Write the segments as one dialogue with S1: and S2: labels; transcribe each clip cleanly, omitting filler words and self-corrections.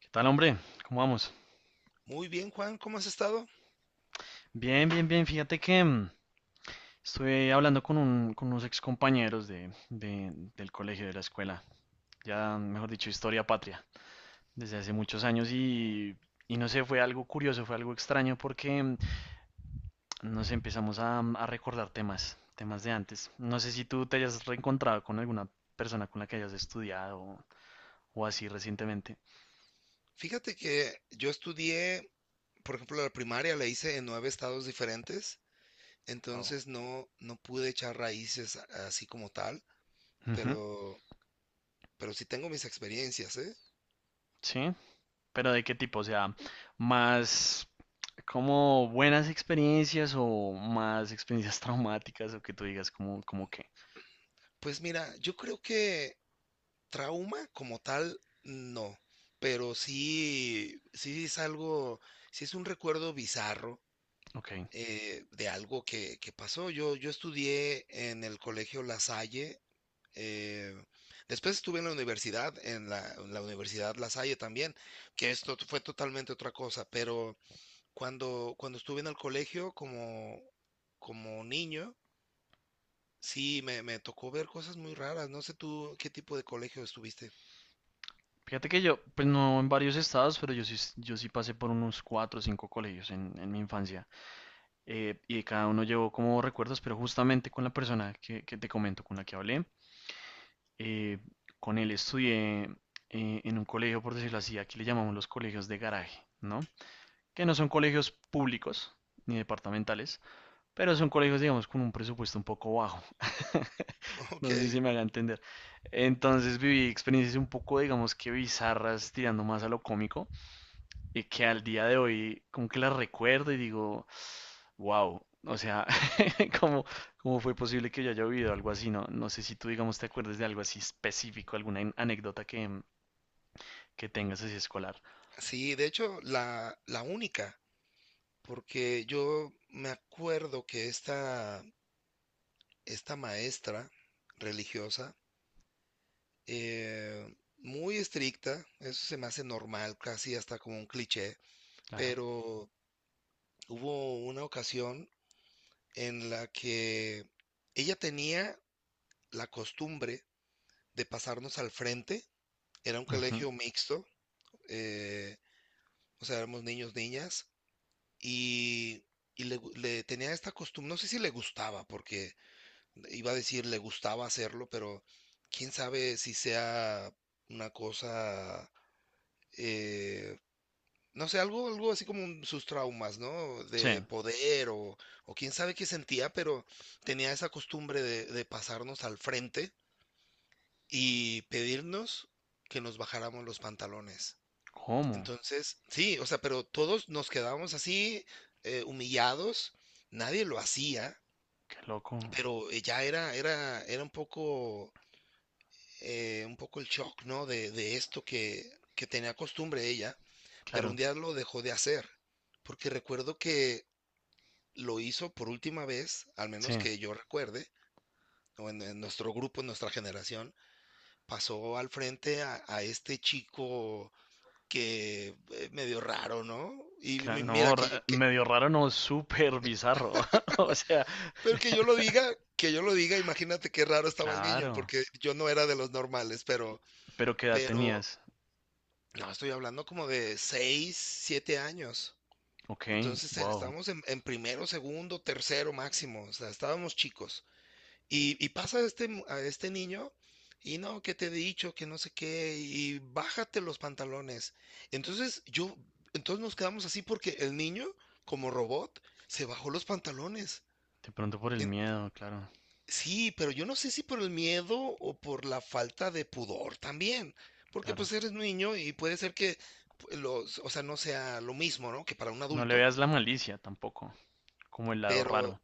S1: ¿Qué tal, hombre? ¿Cómo vamos?
S2: Muy bien, Juan, ¿cómo has estado?
S1: Bien, bien, bien. Fíjate que estuve hablando con unos excompañeros del colegio, de la escuela, ya mejor dicho, historia patria, desde hace muchos años no sé, fue algo curioso, fue algo extraño porque nos empezamos a recordar temas de antes. No sé si tú te hayas reencontrado con alguna persona con la que hayas estudiado o así recientemente.
S2: Fíjate que yo estudié, por ejemplo, la primaria la hice en nueve estados diferentes,
S1: Wow.
S2: entonces no, no pude echar raíces así como tal,
S1: Ujú.
S2: pero, pero sí tengo mis experiencias, ¿eh?
S1: Sí, pero ¿de qué tipo? O sea, más. Como buenas experiencias o más experiencias traumáticas o que tú digas como que,
S2: Pues mira, yo creo que trauma como tal, no, pero sí, sí es algo, sí es un recuerdo bizarro.
S1: ok.
S2: De algo que pasó. Yo estudié en el colegio La Salle. Eh, Después estuve en la universidad, en la Universidad La Salle también, que esto fue totalmente otra cosa, pero cuando estuve en el colegio como niño, sí, me tocó ver cosas muy raras. No sé tú qué tipo de colegio estuviste.
S1: Fíjate que yo, pues no en varios estados, pero yo sí, yo sí pasé por unos cuatro o cinco colegios en mi infancia. Y de cada uno llevo como recuerdos, pero justamente con la persona que te comento, con la que hablé. eh, con él estudié en un colegio, por decirlo así, aquí le llamamos los colegios de garaje, ¿no? Que no son colegios públicos ni departamentales, pero son colegios, digamos, con un presupuesto un poco bajo. No sé
S2: Ok,
S1: si me haga entender. Entonces viví experiencias un poco, digamos que bizarras, tirando más a lo cómico, y que al día de hoy como que las recuerdo y digo, wow, o sea, ¿cómo, cómo fue posible que yo haya vivido algo así? No sé si tú, digamos, te acuerdas de algo así específico, alguna anécdota que tengas así escolar.
S2: sí, de hecho, la única, porque yo me acuerdo que esta maestra religiosa, muy estricta, eso se me hace normal, casi hasta como un cliché,
S1: Claro.
S2: pero hubo una ocasión en la que ella tenía la costumbre de pasarnos al frente, era un
S1: Ujú.
S2: colegio mixto, eh, o sea, éramos niños, niñas, y, y le tenía esta costumbre, no sé si le gustaba, porque iba a decir le gustaba hacerlo, pero quién sabe si sea una cosa. eh, No sé, algo así como sus traumas, ¿no?
S1: Sí.
S2: De poder o quién sabe qué sentía, pero tenía esa costumbre de pasarnos al frente y pedirnos que nos bajáramos los pantalones.
S1: ¿Cómo?
S2: Entonces, sí, o sea, pero todos nos quedábamos así, humillados, nadie lo hacía,
S1: Qué loco.
S2: pero ya era un poco el shock, ¿no? De esto que tenía costumbre ella, pero un
S1: Claro.
S2: día lo dejó de hacer, porque recuerdo que lo hizo por última vez, al
S1: Sí.
S2: menos que yo recuerde, o en nuestro grupo, en nuestra generación, pasó al frente a este chico que medio raro, ¿no? Y
S1: Cla-
S2: mi- mira,
S1: no,
S2: que, yo- que-
S1: medio raro, no, súper bizarro. O sea,
S2: pero que yo lo diga, que yo lo diga, imagínate qué raro estaba el niño,
S1: claro,
S2: porque yo no era de los normales, pero,
S1: pero ¿qué edad
S2: pero,
S1: tenías?
S2: no, estoy hablando como de 6, 7 años.
S1: Ok,
S2: Entonces
S1: wow,
S2: estábamos en primero, segundo, tercero máximo, o sea, estábamos chicos. Y pasa a este niño y no, que te he dicho, que no sé qué, y bájate los pantalones. Entonces entonces nos quedamos así porque el niño, como robot, se bajó los pantalones.
S1: de pronto por el
S2: En-
S1: miedo, claro,
S2: sí, pero yo no sé si por el miedo o por la falta de pudor también, porque
S1: claro.
S2: pues eres niño y puede ser que o sea, no sea lo mismo, ¿no? Que para un
S1: No le
S2: adulto,
S1: veas la malicia tampoco, como el lado
S2: pero
S1: raro.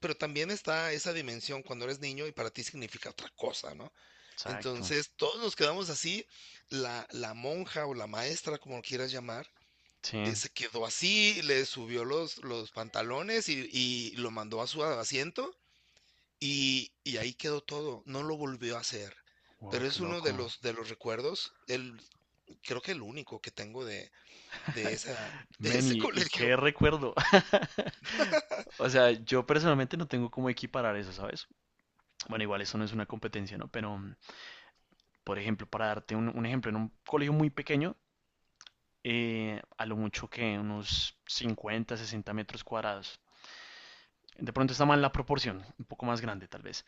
S2: también está esa dimensión cuando eres niño y para ti significa otra cosa, ¿no?
S1: Exacto,
S2: Entonces, todos nos quedamos así, la monja o la maestra, como lo quieras llamar,
S1: sí,
S2: se quedó así, le subió los pantalones y lo mandó a su asiento y ahí quedó todo, no lo volvió a hacer.
S1: wow,
S2: Pero
S1: qué
S2: es uno de
S1: loco.
S2: los recuerdos, creo que el único que tengo de, de esa, de
S1: Men,
S2: ese
S1: y
S2: colegio.
S1: qué recuerdo. O sea, yo personalmente no tengo cómo equiparar eso, ¿sabes? Bueno, igual eso no es una competencia, ¿no? Pero, por ejemplo, para darte un ejemplo, en un colegio muy pequeño, a lo mucho que unos 50, 60 metros cuadrados. De pronto está mal la proporción, un poco más grande tal vez.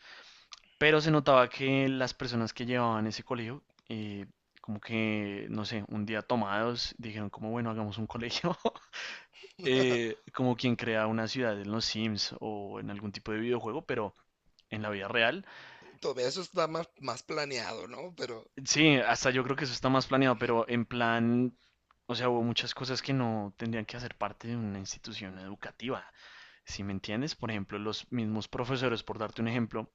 S1: Pero se notaba que las personas que llevaban ese colegio, eh, como que, no sé, un día tomados, dijeron como, bueno, hagamos un colegio, como quien crea una ciudad en los Sims o en algún tipo de videojuego, pero en la vida real.
S2: Todavía eso está más planeado, ¿no? Pero
S1: Sí, hasta yo creo que eso está más planeado, pero en plan, o sea, hubo muchas cosas que no tendrían que hacer parte de una institución educativa, si me entiendes. Por ejemplo, los mismos profesores, por darte un ejemplo,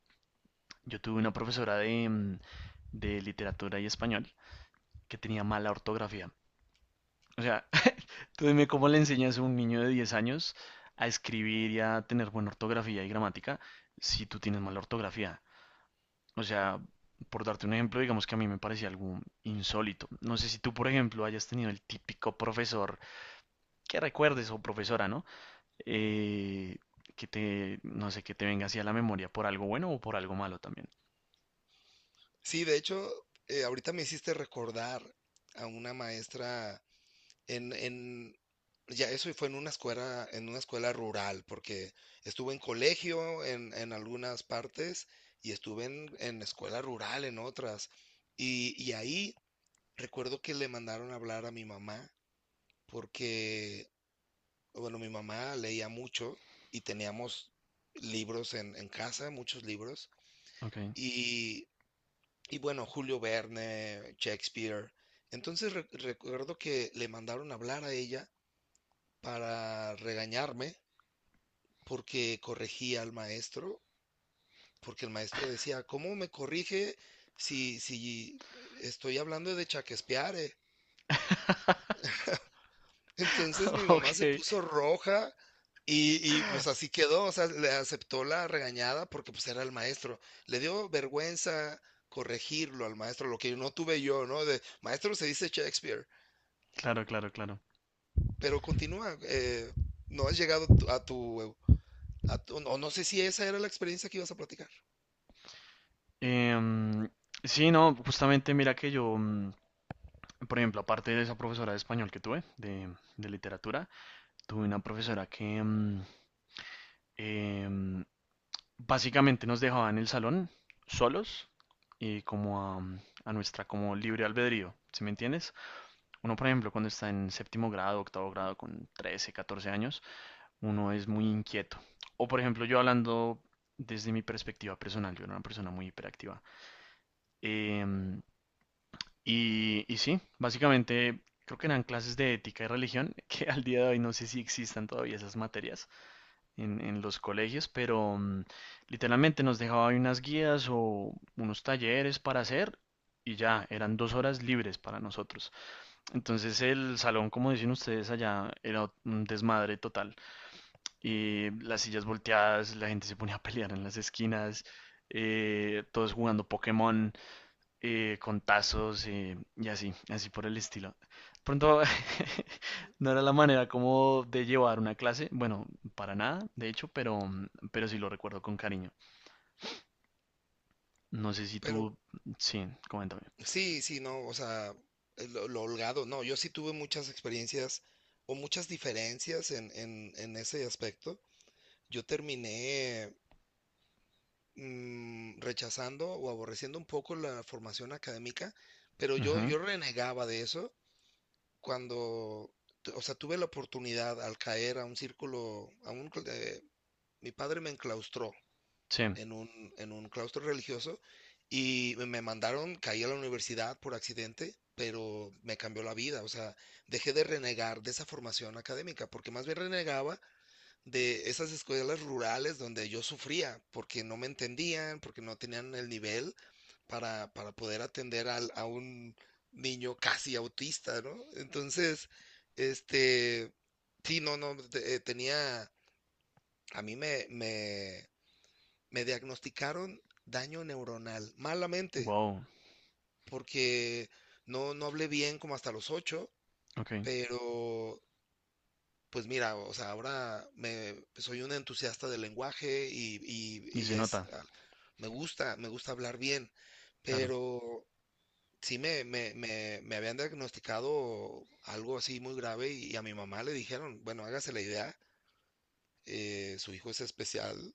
S1: yo tuve una profesora de literatura y español, que tenía mala ortografía. O sea, tú dime cómo le enseñas a un niño de 10 años a escribir y a tener buena ortografía y gramática si tú tienes mala ortografía. O sea, por darte un ejemplo, digamos que a mí me parecía algo insólito. No sé si tú, por ejemplo, hayas tenido el típico profesor que recuerdes o profesora, ¿no? Eh, que te, no sé, que te venga así a la memoria por algo bueno o por algo malo también.
S2: sí, de hecho, ahorita me hiciste recordar a una maestra en, en, ya eso fue en una escuela, rural, porque estuve en colegio en algunas partes y estuve en escuela rural en otras. Y ahí recuerdo que le mandaron a hablar a mi mamá, porque, bueno, mi mamá leía mucho y teníamos libros en casa, muchos libros.
S1: Ok.
S2: Y bueno, Julio Verne, Shakespeare. Entonces recuerdo que le mandaron a hablar a ella para regañarme porque corregía al maestro, porque el maestro decía, ¿cómo me corrige si estoy hablando de Shakespeare? Entonces mi mamá
S1: Ok,
S2: se puso roja y pues así quedó, o sea, le aceptó la regañada porque pues era el maestro. Le dio vergüenza corregirlo al maestro, lo que no tuve yo, ¿no? De maestro se dice Shakespeare.
S1: claro, claro, claro.
S2: Pero continúa, no has llegado no, no sé si esa era la experiencia que ibas a platicar,
S1: Em, sí, no, justamente mira que yo, por ejemplo, aparte de esa profesora de español que tuve, de literatura, tuve una profesora que em, básicamente nos dejaba en el salón solos y como a nuestra como libre albedrío, ¿sí me entiendes? Uno, por ejemplo, cuando está en séptimo grado, octavo grado, con 13, 14 años, uno es muy inquieto. O, por ejemplo, yo hablando desde mi perspectiva personal, yo era una persona muy hiperactiva. Em, y sí, básicamente creo que eran clases de ética y religión, que al día de hoy no sé si existan todavía esas materias en los colegios, pero literalmente nos dejaba ahí unas guías o unos talleres para hacer y ya, eran 2 horas libres para nosotros. Entonces el salón, como dicen ustedes allá, era un desmadre total. Y las sillas volteadas, la gente se ponía a pelear en las esquinas, todos jugando Pokémon con tazos y así, así por el estilo. Pronto no era la manera como de llevar una clase, bueno, para nada, de hecho, pero, sí lo recuerdo con cariño. No sé si
S2: pero
S1: tú, sí, coméntame.
S2: sí, sí, no, o sea, lo holgado, no, yo sí tuve muchas experiencias o muchas diferencias en ese aspecto. Yo terminé rechazando o aborreciendo un poco la formación académica, pero yo,
S1: Ujú,
S2: yo renegaba de eso cuando, o sea, tuve la oportunidad al caer a un círculo, mi padre me enclaustró
S1: sí,
S2: en un claustro religioso y me mandaron, caí a la universidad por accidente, pero me cambió la vida, o sea, dejé de renegar de esa formación académica, porque más bien renegaba de esas escuelas rurales donde yo sufría, porque no me entendían, porque no tenían el nivel para poder atender a un niño casi autista, ¿no? Entonces, este, sí, no, no, tenía, a mí me diagnosticaron daño neuronal, malamente,
S1: wow,
S2: porque no, no hablé bien como hasta los ocho,
S1: ok,
S2: pero pues mira, o sea, ahora soy un entusiasta del lenguaje y,
S1: y
S2: y-
S1: se
S2: y
S1: nota,
S2: me gusta hablar bien,
S1: claro,
S2: pero sí me habían diagnosticado algo así muy grave y a mi mamá le dijeron, bueno, hágase la idea, su hijo es especial,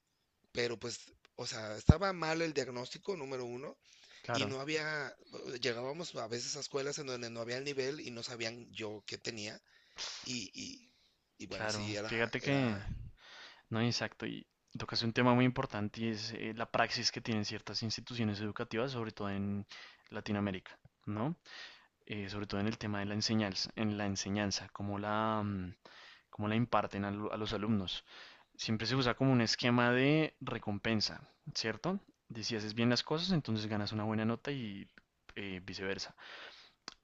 S2: pero pues, o sea, estaba mal el diagnóstico, número uno. Y
S1: claro,
S2: no había, llegábamos a veces a escuelas en donde no había el nivel y no sabían yo qué tenía. Y, y, y bueno, sí,
S1: claro. Fíjate que
S2: era,
S1: No, exacto. Y tocas un tema muy importante y es la praxis que tienen ciertas instituciones educativas, sobre todo en Latinoamérica, ¿no? Sobre todo en el tema de la enseñanza, en la enseñanza, cómo la imparten a los alumnos. Siempre se usa como un esquema de recompensa, ¿cierto? De si haces bien las cosas, entonces ganas una buena nota y viceversa.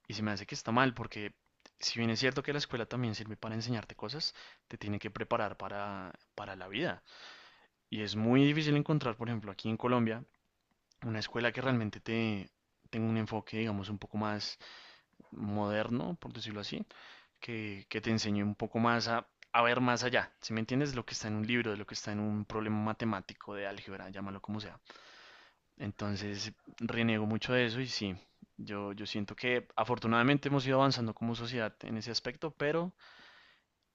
S1: Y se me hace que está mal porque si bien es cierto que la escuela también sirve para enseñarte cosas, te tiene que preparar para la vida y es muy difícil encontrar, por ejemplo, aquí en Colombia, una escuela que realmente te tenga un enfoque, digamos, un poco más moderno, por decirlo así, que te enseñe un poco más a ver más allá. Si me entiendes, lo que está en un libro, de lo que está en un problema matemático de álgebra, llámalo como sea. Entonces, reniego mucho de eso y sí, yo siento que afortunadamente hemos ido avanzando como sociedad en ese aspecto, pero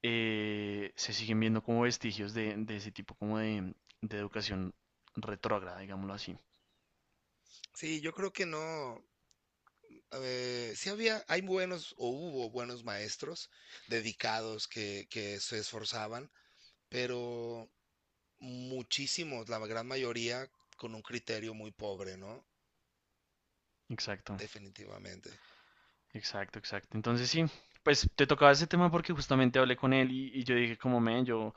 S1: se siguen viendo como vestigios de ese tipo como de educación retrógrada, digámoslo así.
S2: sí, yo creo que no, sí hay buenos o hubo buenos maestros dedicados que se esforzaban, pero muchísimos, la gran mayoría con un criterio muy pobre, ¿no?
S1: Exacto,
S2: Definitivamente.
S1: exacto, exacto. Entonces sí, pues te tocaba ese tema porque justamente hablé con él y yo dije como, men, yo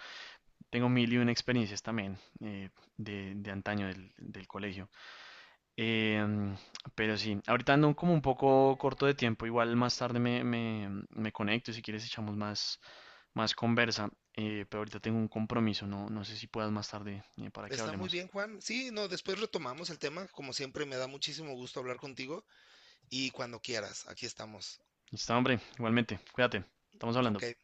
S1: tengo mil y una experiencias también de antaño del colegio. Em, pero sí, ahorita ando como un poco corto de tiempo, igual más tarde me conecto, y si quieres echamos más, conversa, pero ahorita tengo un compromiso, no sé si puedas más tarde para que
S2: Está muy
S1: hablemos.
S2: bien, Juan. Sí, no, después retomamos el tema. Como siempre, me da muchísimo gusto hablar contigo y cuando quieras, aquí estamos.
S1: Listo, hombre, igualmente, cuídate, estamos hablando.
S2: Ok,